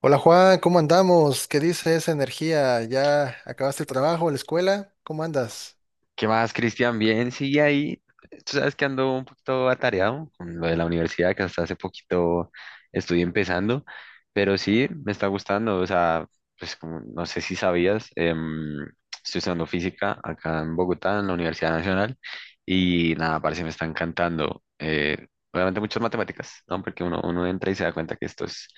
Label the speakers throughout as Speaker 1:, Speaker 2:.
Speaker 1: Hola Juan, ¿cómo andamos? ¿Qué dice esa energía? ¿Ya acabaste el trabajo, la escuela? ¿Cómo andas?
Speaker 2: ¿Qué más, Cristian? Bien, sigue ahí. Tú sabes que ando un poquito atareado con lo de la universidad, que hasta hace poquito estoy empezando, pero sí, me está gustando. O sea, pues como no sé si sabías, estoy estudiando física acá en Bogotá, en la Universidad Nacional, y nada, parece me está encantando. Obviamente muchas matemáticas, ¿no? Porque uno entra y se da cuenta que esto es,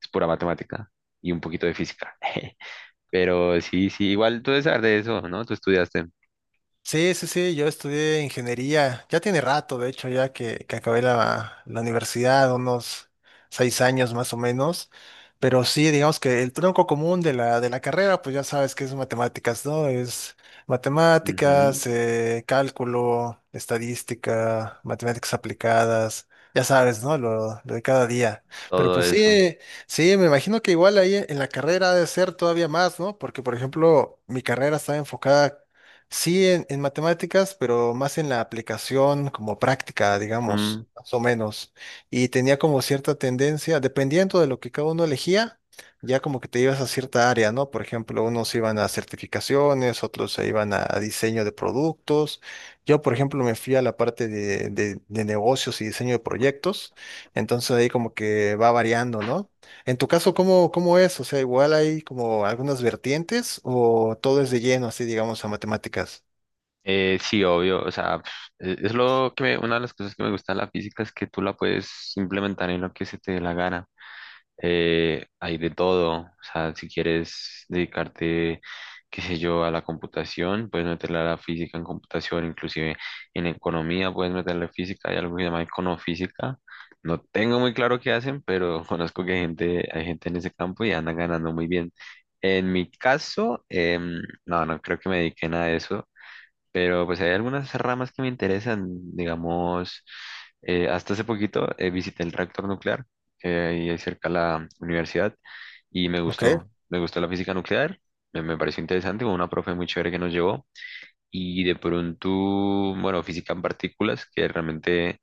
Speaker 2: es pura matemática y un poquito de física. Pero sí, sí, igual tú debes saber de eso, ¿no? Tú estudiaste.
Speaker 1: Sí, sí, sí, yo estudié ingeniería, ya tiene rato, de hecho, ya que acabé la universidad, unos 6 años más o menos, pero sí, digamos que el tronco común de la carrera, pues ya sabes que es matemáticas, ¿no? Es matemáticas,
Speaker 2: Ujú.
Speaker 1: cálculo, estadística, matemáticas aplicadas, ya sabes, ¿no? Lo de cada día. Pero
Speaker 2: Todo
Speaker 1: pues
Speaker 2: eso.
Speaker 1: sí, sí, me imagino que igual ahí en la carrera ha de ser todavía más, ¿no? Porque, por ejemplo, mi carrera está enfocada sí, en matemáticas, pero más en la aplicación como práctica,
Speaker 2: Mm,
Speaker 1: digamos, más o menos. Y tenía como cierta tendencia, dependiendo de lo que cada uno elegía, ya como que te ibas a cierta área, ¿no? Por ejemplo, unos iban a certificaciones, otros se iban a diseño de productos. Yo, por ejemplo, me fui a la parte de negocios y diseño de proyectos. Entonces ahí como que va variando, ¿no? En tu caso, cómo es? O sea, igual hay como algunas vertientes o todo es de lleno, así digamos, a matemáticas.
Speaker 2: sí, obvio, o sea, es lo que una de las cosas que me gusta de la física es que tú la puedes implementar en lo que se te dé la gana. Hay de todo. O sea, si quieres dedicarte, qué sé yo, a la computación, puedes meterle a la física en computación, inclusive en economía puedes meterle física. Hay algo que se llama econofísica. No tengo muy claro qué hacen, pero conozco que hay gente en ese campo y andan ganando muy bien. En mi caso, no, no creo que me dedique a nada de eso. Pero pues hay algunas ramas que me interesan, digamos, hasta hace poquito visité el reactor nuclear, que hay ahí cerca de la universidad, y
Speaker 1: Ok.
Speaker 2: me gustó la física nuclear, me pareció interesante, con una profe muy chévere que nos llevó, y de pronto, bueno, física en partículas, que realmente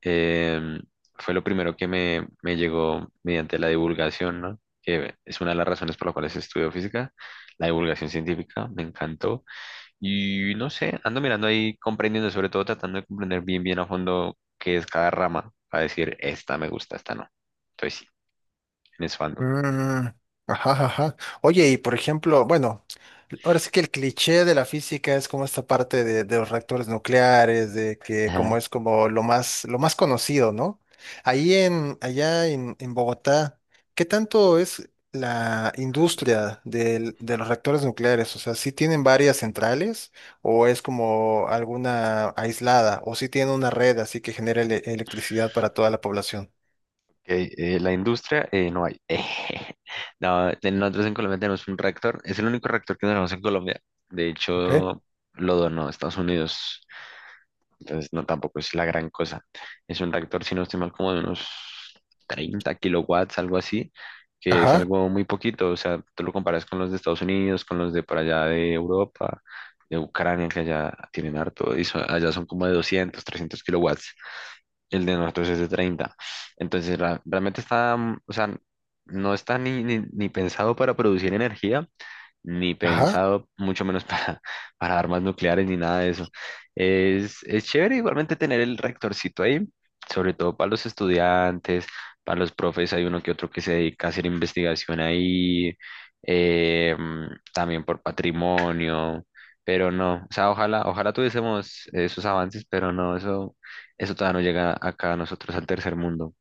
Speaker 2: em, fue lo primero que me llegó mediante la divulgación, ¿no? Que es una de las razones por las cuales estudio física, la divulgación científica, me encantó. Y no sé, ando mirando ahí, comprendiendo, sobre todo tratando de comprender bien, bien a fondo qué es cada rama, para decir, esta me gusta, esta no. Entonces sí, en eso ando.
Speaker 1: Mm, ajá, ajá. Oye, y por ejemplo, bueno, ahora sí que el cliché de la física es como esta parte de los reactores nucleares, de que
Speaker 2: Ajá.
Speaker 1: como es como lo más conocido, ¿no? Ahí en, allá en Bogotá, ¿qué tanto es la industria de los reactores nucleares? O sea, ¿sí tienen varias centrales o es como alguna aislada o si tienen una red así que genera electricidad para toda la población?
Speaker 2: Ok, la industria no hay. No, nosotros en Colombia tenemos un rector, es el único rector que tenemos en Colombia. De
Speaker 1: Ok.
Speaker 2: hecho, lo donó a Estados Unidos. Entonces, no, tampoco es la gran cosa. Es un reactor, si no estoy mal, como de unos 30 kilowatts, algo así, que es
Speaker 1: Ajá,
Speaker 2: algo muy poquito. O sea, tú lo comparas con los de Estados Unidos, con los de por allá de Europa, de Ucrania, que allá tienen harto, allá son como de 200 300 kilowatts. El de nosotros es de 30. Entonces, realmente está, o sea, no está ni pensado para producir energía, ni
Speaker 1: ajá.
Speaker 2: pensado, mucho menos para, para armas nucleares ni nada de eso. Es chévere igualmente tener el rectorcito ahí, sobre todo para los estudiantes, para los profes, hay uno que otro que se dedica a hacer investigación ahí, eh, también por patrimonio, pero no, o sea, ojalá, ojalá tuviésemos esos avances, pero no, eso todavía no llega acá a nosotros al tercer mundo,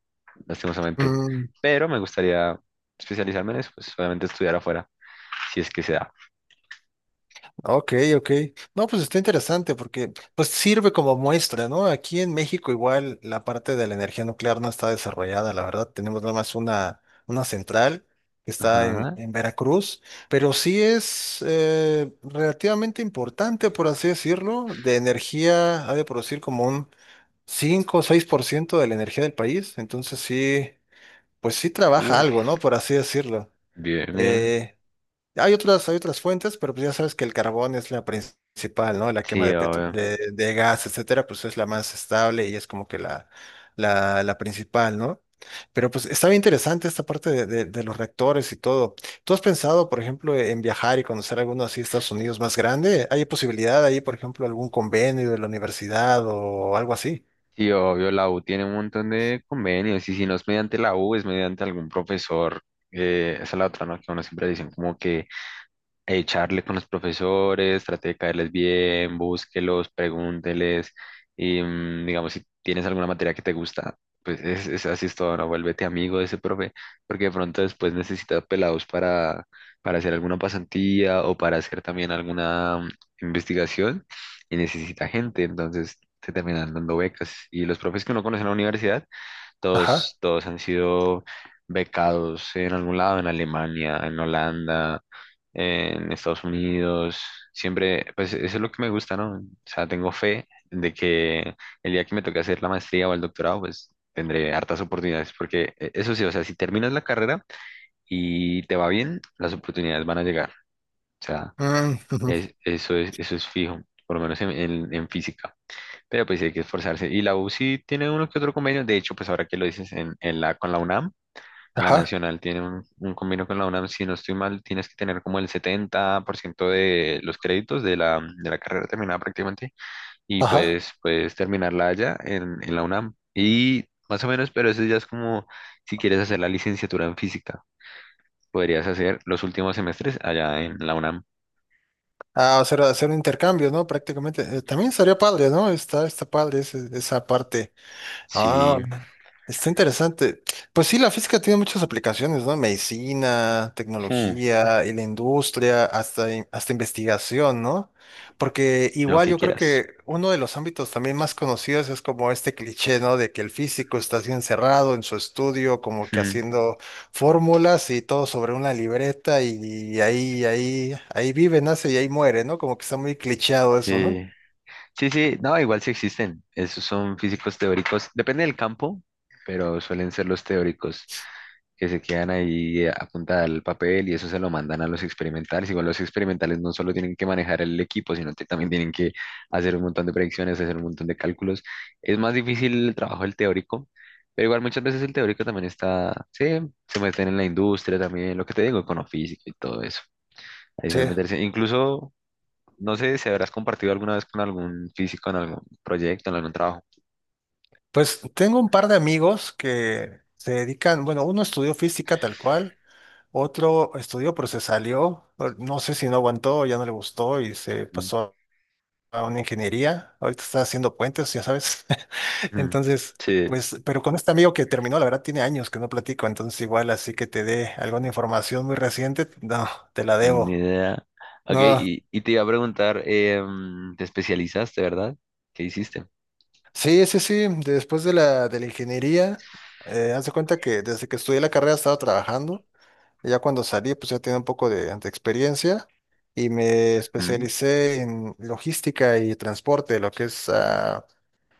Speaker 2: lastimosamente.
Speaker 1: Mm.
Speaker 2: Pero me gustaría especializarme en eso, pues obviamente estudiar afuera, si es que se da.
Speaker 1: Ok, ok. No, pues está interesante porque pues sirve como muestra, ¿no? Aquí en México igual la parte de la energía nuclear no está desarrollada, la verdad. Tenemos nada más una central que está
Speaker 2: Ajá.
Speaker 1: en Veracruz, pero sí es relativamente importante, por así decirlo, de energía, ha de producir como un 5 o 6% de la energía del país. Entonces sí, pues sí trabaja
Speaker 2: Uf,
Speaker 1: algo, ¿no? Por así decirlo.
Speaker 2: bien, bien.
Speaker 1: Eh, hay otras fuentes, pero pues ya sabes que el carbón es la principal, ¿no? La quema
Speaker 2: Sí,
Speaker 1: de,
Speaker 2: obvio.
Speaker 1: de gas, etcétera, pues es la más estable y es como que la, la principal, ¿no? Pero pues está bien interesante esta parte de, de los reactores y todo. ¿Tú has pensado, por ejemplo, en viajar y conocer alguno así de Estados Unidos más grande? ¿Hay posibilidad ahí, por ejemplo, algún convenio de la universidad o algo así?
Speaker 2: Sí, obvio, la U tiene un montón de convenios y si no es mediante la U, es mediante algún profesor. Esa es la otra, ¿no? Que uno siempre dicen como que charle con los profesores, trate de caerles bien, búsquelos, pregúnteles y digamos si tienes alguna materia que te gusta, pues es así es todo, ¿no? Vuélvete amigo de ese profe, porque de pronto después necesitas pelados para hacer alguna pasantía o para hacer también alguna investigación y necesita gente, entonces te terminan dando becas y los profes que uno conoce en la universidad
Speaker 1: Ajá.
Speaker 2: todos, todos han sido becados en algún lado, en Alemania, en Holanda, en Estados Unidos. Siempre, pues eso es lo que me gusta, ¿no? O sea, tengo fe de que el día que me toque hacer la maestría o el doctorado, pues tendré hartas oportunidades, porque eso sí, o sea, si terminas la carrera y te va bien, las oportunidades van a llegar. O sea,
Speaker 1: Mm, ujú.
Speaker 2: eso es fijo, por lo menos en física. Pero pues sí hay que esforzarse. Y la U sí tiene uno que otro convenio. De hecho, pues ahora que lo dices con la UNAM, la
Speaker 1: Ajá.
Speaker 2: Nacional tiene un convenio con la UNAM. Si no estoy mal, tienes que tener como el 70% de los créditos de la carrera terminada prácticamente. Y
Speaker 1: Ajá.
Speaker 2: pues puedes terminarla allá en la UNAM. Y más o menos, pero eso ya es como si quieres hacer la licenciatura en física. Podrías hacer los últimos semestres allá en la UNAM.
Speaker 1: Ah, hacer, hacer un intercambio, ¿no? Prácticamente. También estaría padre, ¿no? Está, está padre esa parte.
Speaker 2: Sí,
Speaker 1: Ah, está interesante. Pues sí, la física tiene muchas aplicaciones, ¿no? Medicina,
Speaker 2: Hmm,
Speaker 1: tecnología, y la industria, hasta, hasta investigación, ¿no? Porque
Speaker 2: lo
Speaker 1: igual
Speaker 2: que
Speaker 1: yo creo
Speaker 2: quieras.
Speaker 1: que uno de los ámbitos también más conocidos es como este cliché, ¿no? De que el físico está así encerrado en su estudio, como que
Speaker 2: Hmm,
Speaker 1: haciendo fórmulas y todo sobre una libreta y, ahí, ahí vive, nace y ahí muere, ¿no? Como que está muy clichéado eso, ¿no?
Speaker 2: Sí. Sí, sí, no, igual sí existen. Esos son físicos teóricos. Depende del campo, pero suelen ser los teóricos que se quedan ahí a punta al papel y eso se lo mandan a los experimentales. Igual los experimentales no solo tienen que manejar el equipo, sino que también tienen que hacer un montón de predicciones, hacer un montón de cálculos. Es más difícil el trabajo del teórico, pero igual muchas veces el teórico también está, sí, se meten en la industria también, lo que te digo, econofísica y todo eso. Ahí suelen
Speaker 1: Sí.
Speaker 2: meterse. Incluso no sé si habrás compartido alguna vez con algún físico en algún proyecto, en algún trabajo.
Speaker 1: Pues tengo un par de amigos que se dedican, bueno, uno estudió física tal cual, otro estudió pero se salió, no sé si no aguantó, ya no le gustó y se pasó a una ingeniería, ahorita está haciendo puentes, ya sabes.
Speaker 2: Mm,
Speaker 1: Entonces,
Speaker 2: sí,
Speaker 1: pues, pero con este amigo que terminó, la verdad tiene años que no platico, entonces igual así que te dé alguna información muy reciente, no, te la
Speaker 2: ni
Speaker 1: debo.
Speaker 2: idea. Ok,
Speaker 1: No,
Speaker 2: y te iba a preguntar, ¿te especializaste, verdad? ¿Qué hiciste?
Speaker 1: sí, sí, sí, después de la ingeniería, haz de cuenta que desde que estudié la carrera he estado trabajando. Ya cuando salí, pues ya tenía un poco de experiencia y me
Speaker 2: Mm,
Speaker 1: especialicé en logística y transporte, lo que es ah,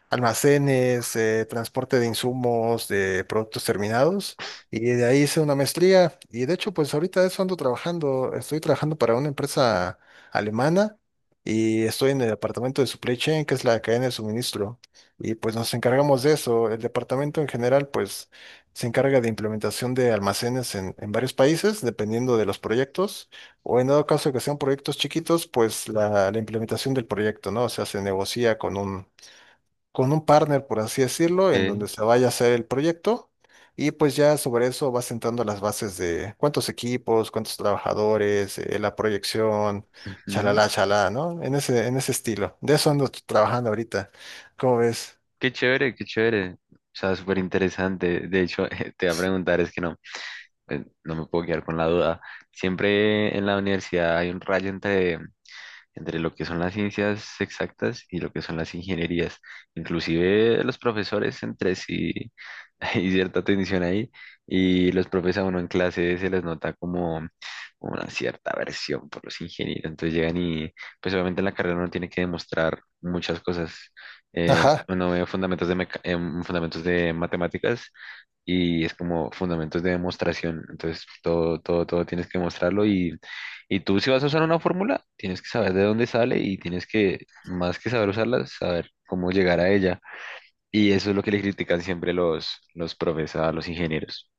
Speaker 1: almacenes, transporte de insumos, de productos terminados, y de ahí hice una maestría. Y de hecho, pues ahorita eso ando trabajando, estoy trabajando para una empresa alemana y estoy en el departamento de supply chain, que es la cadena de suministro, y pues nos encargamos de eso. El departamento en general, pues se encarga de implementación de almacenes en varios países, dependiendo de los proyectos, o en dado caso que sean proyectos chiquitos, pues la implementación del proyecto, ¿no? O sea, se negocia con un partner, por así decirlo, en
Speaker 2: ok,
Speaker 1: donde se vaya a hacer el proyecto y pues ya sobre eso vas sentando las bases de cuántos equipos, cuántos trabajadores, la proyección,
Speaker 2: ujú.
Speaker 1: chalala, chalá, ¿no? En ese estilo. De eso ando trabajando ahorita. ¿Cómo ves?
Speaker 2: Qué chévere, qué chévere. O sea, súper interesante. De hecho, te voy a preguntar, es que no, no me puedo quedar con la duda. Siempre en la universidad hay un rayo entre lo que son las ciencias exactas y lo que son las ingenierías. Inclusive los profesores entre sí hay cierta tensión ahí y los profes a uno en clase se les nota como una cierta aversión por los ingenieros. Entonces llegan y pues obviamente en la carrera uno tiene que demostrar muchas cosas. Eh,
Speaker 1: Ajá.
Speaker 2: uno ve fundamentos de matemáticas y es como fundamentos de demostración. Entonces, todo, todo, todo tienes que mostrarlo y tú si vas a usar una fórmula, tienes que saber de dónde sale y tienes que, más que saber usarla, saber cómo llegar a ella. Y eso es lo que le critican siempre los profes a los ingenieros.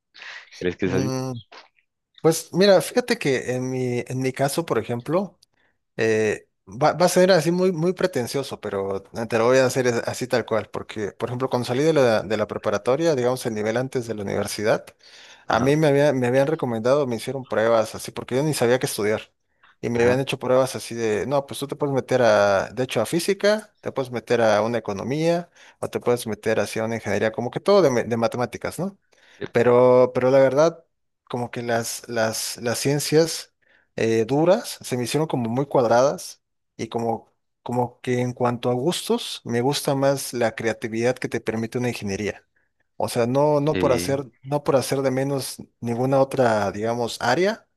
Speaker 2: ¿Crees que es así?
Speaker 1: Mm, pues mira, fíjate que en mi caso, por ejemplo, eh, va, va a ser así muy, muy pretencioso, pero te lo voy a hacer así tal cual, porque, por ejemplo, cuando salí de la preparatoria, digamos el nivel antes de la universidad, a
Speaker 2: Ajá,
Speaker 1: mí me habían recomendado, me hicieron pruebas así, porque yo ni sabía qué estudiar. Y me
Speaker 2: ajá.
Speaker 1: habían hecho pruebas así de, no, pues tú te puedes meter a, de hecho, a física, te puedes meter a una economía, o te puedes meter así a una ingeniería, como que todo de, de matemáticas, ¿no?
Speaker 2: Sí.
Speaker 1: Pero la verdad, como que las ciencias duras, se me hicieron como muy cuadradas y como, como que en cuanto a gustos, me gusta más la creatividad que te permite una ingeniería. O sea, no, no por
Speaker 2: sí,
Speaker 1: hacer, no por hacer de menos ninguna otra, digamos, área,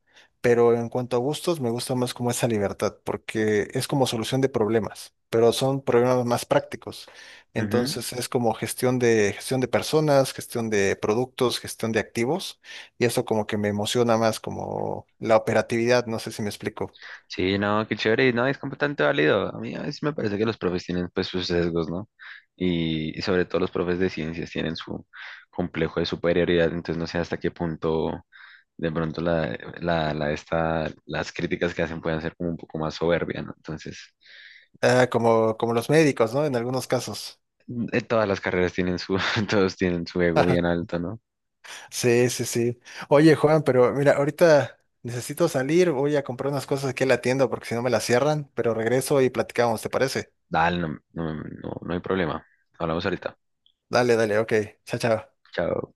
Speaker 1: pero en cuanto a gustos, me gusta más como esa libertad, porque es como solución de problemas, pero son problemas más prácticos.
Speaker 2: Ujú.
Speaker 1: Entonces es como gestión de personas, gestión de productos, gestión de activos, y eso como que me emociona más, como la operatividad, no sé si me explico.
Speaker 2: Sí, no, qué chévere, no, es completamente válido. A mí a veces me parece que los profes tienen pues sus sesgos, ¿no? Y sobre todo los profes de ciencias tienen su complejo de superioridad, entonces no sé hasta qué punto de pronto las críticas que hacen pueden ser como un poco más soberbia, ¿no? Entonces,
Speaker 1: Ah, como, como los médicos, ¿no? En algunos casos.
Speaker 2: todas las carreras tienen su, todos tienen su ego bien alto, ¿no?
Speaker 1: Sí, sí, sí. Oye, Juan, pero mira, ahorita necesito salir, voy a comprar unas cosas aquí en la tienda porque si no me las cierran, pero regreso y platicamos, ¿te parece?
Speaker 2: Dale, no, no, no, no hay problema. Hablamos ahorita.
Speaker 1: Dale, dale, ok. Chao, chao.
Speaker 2: Chao.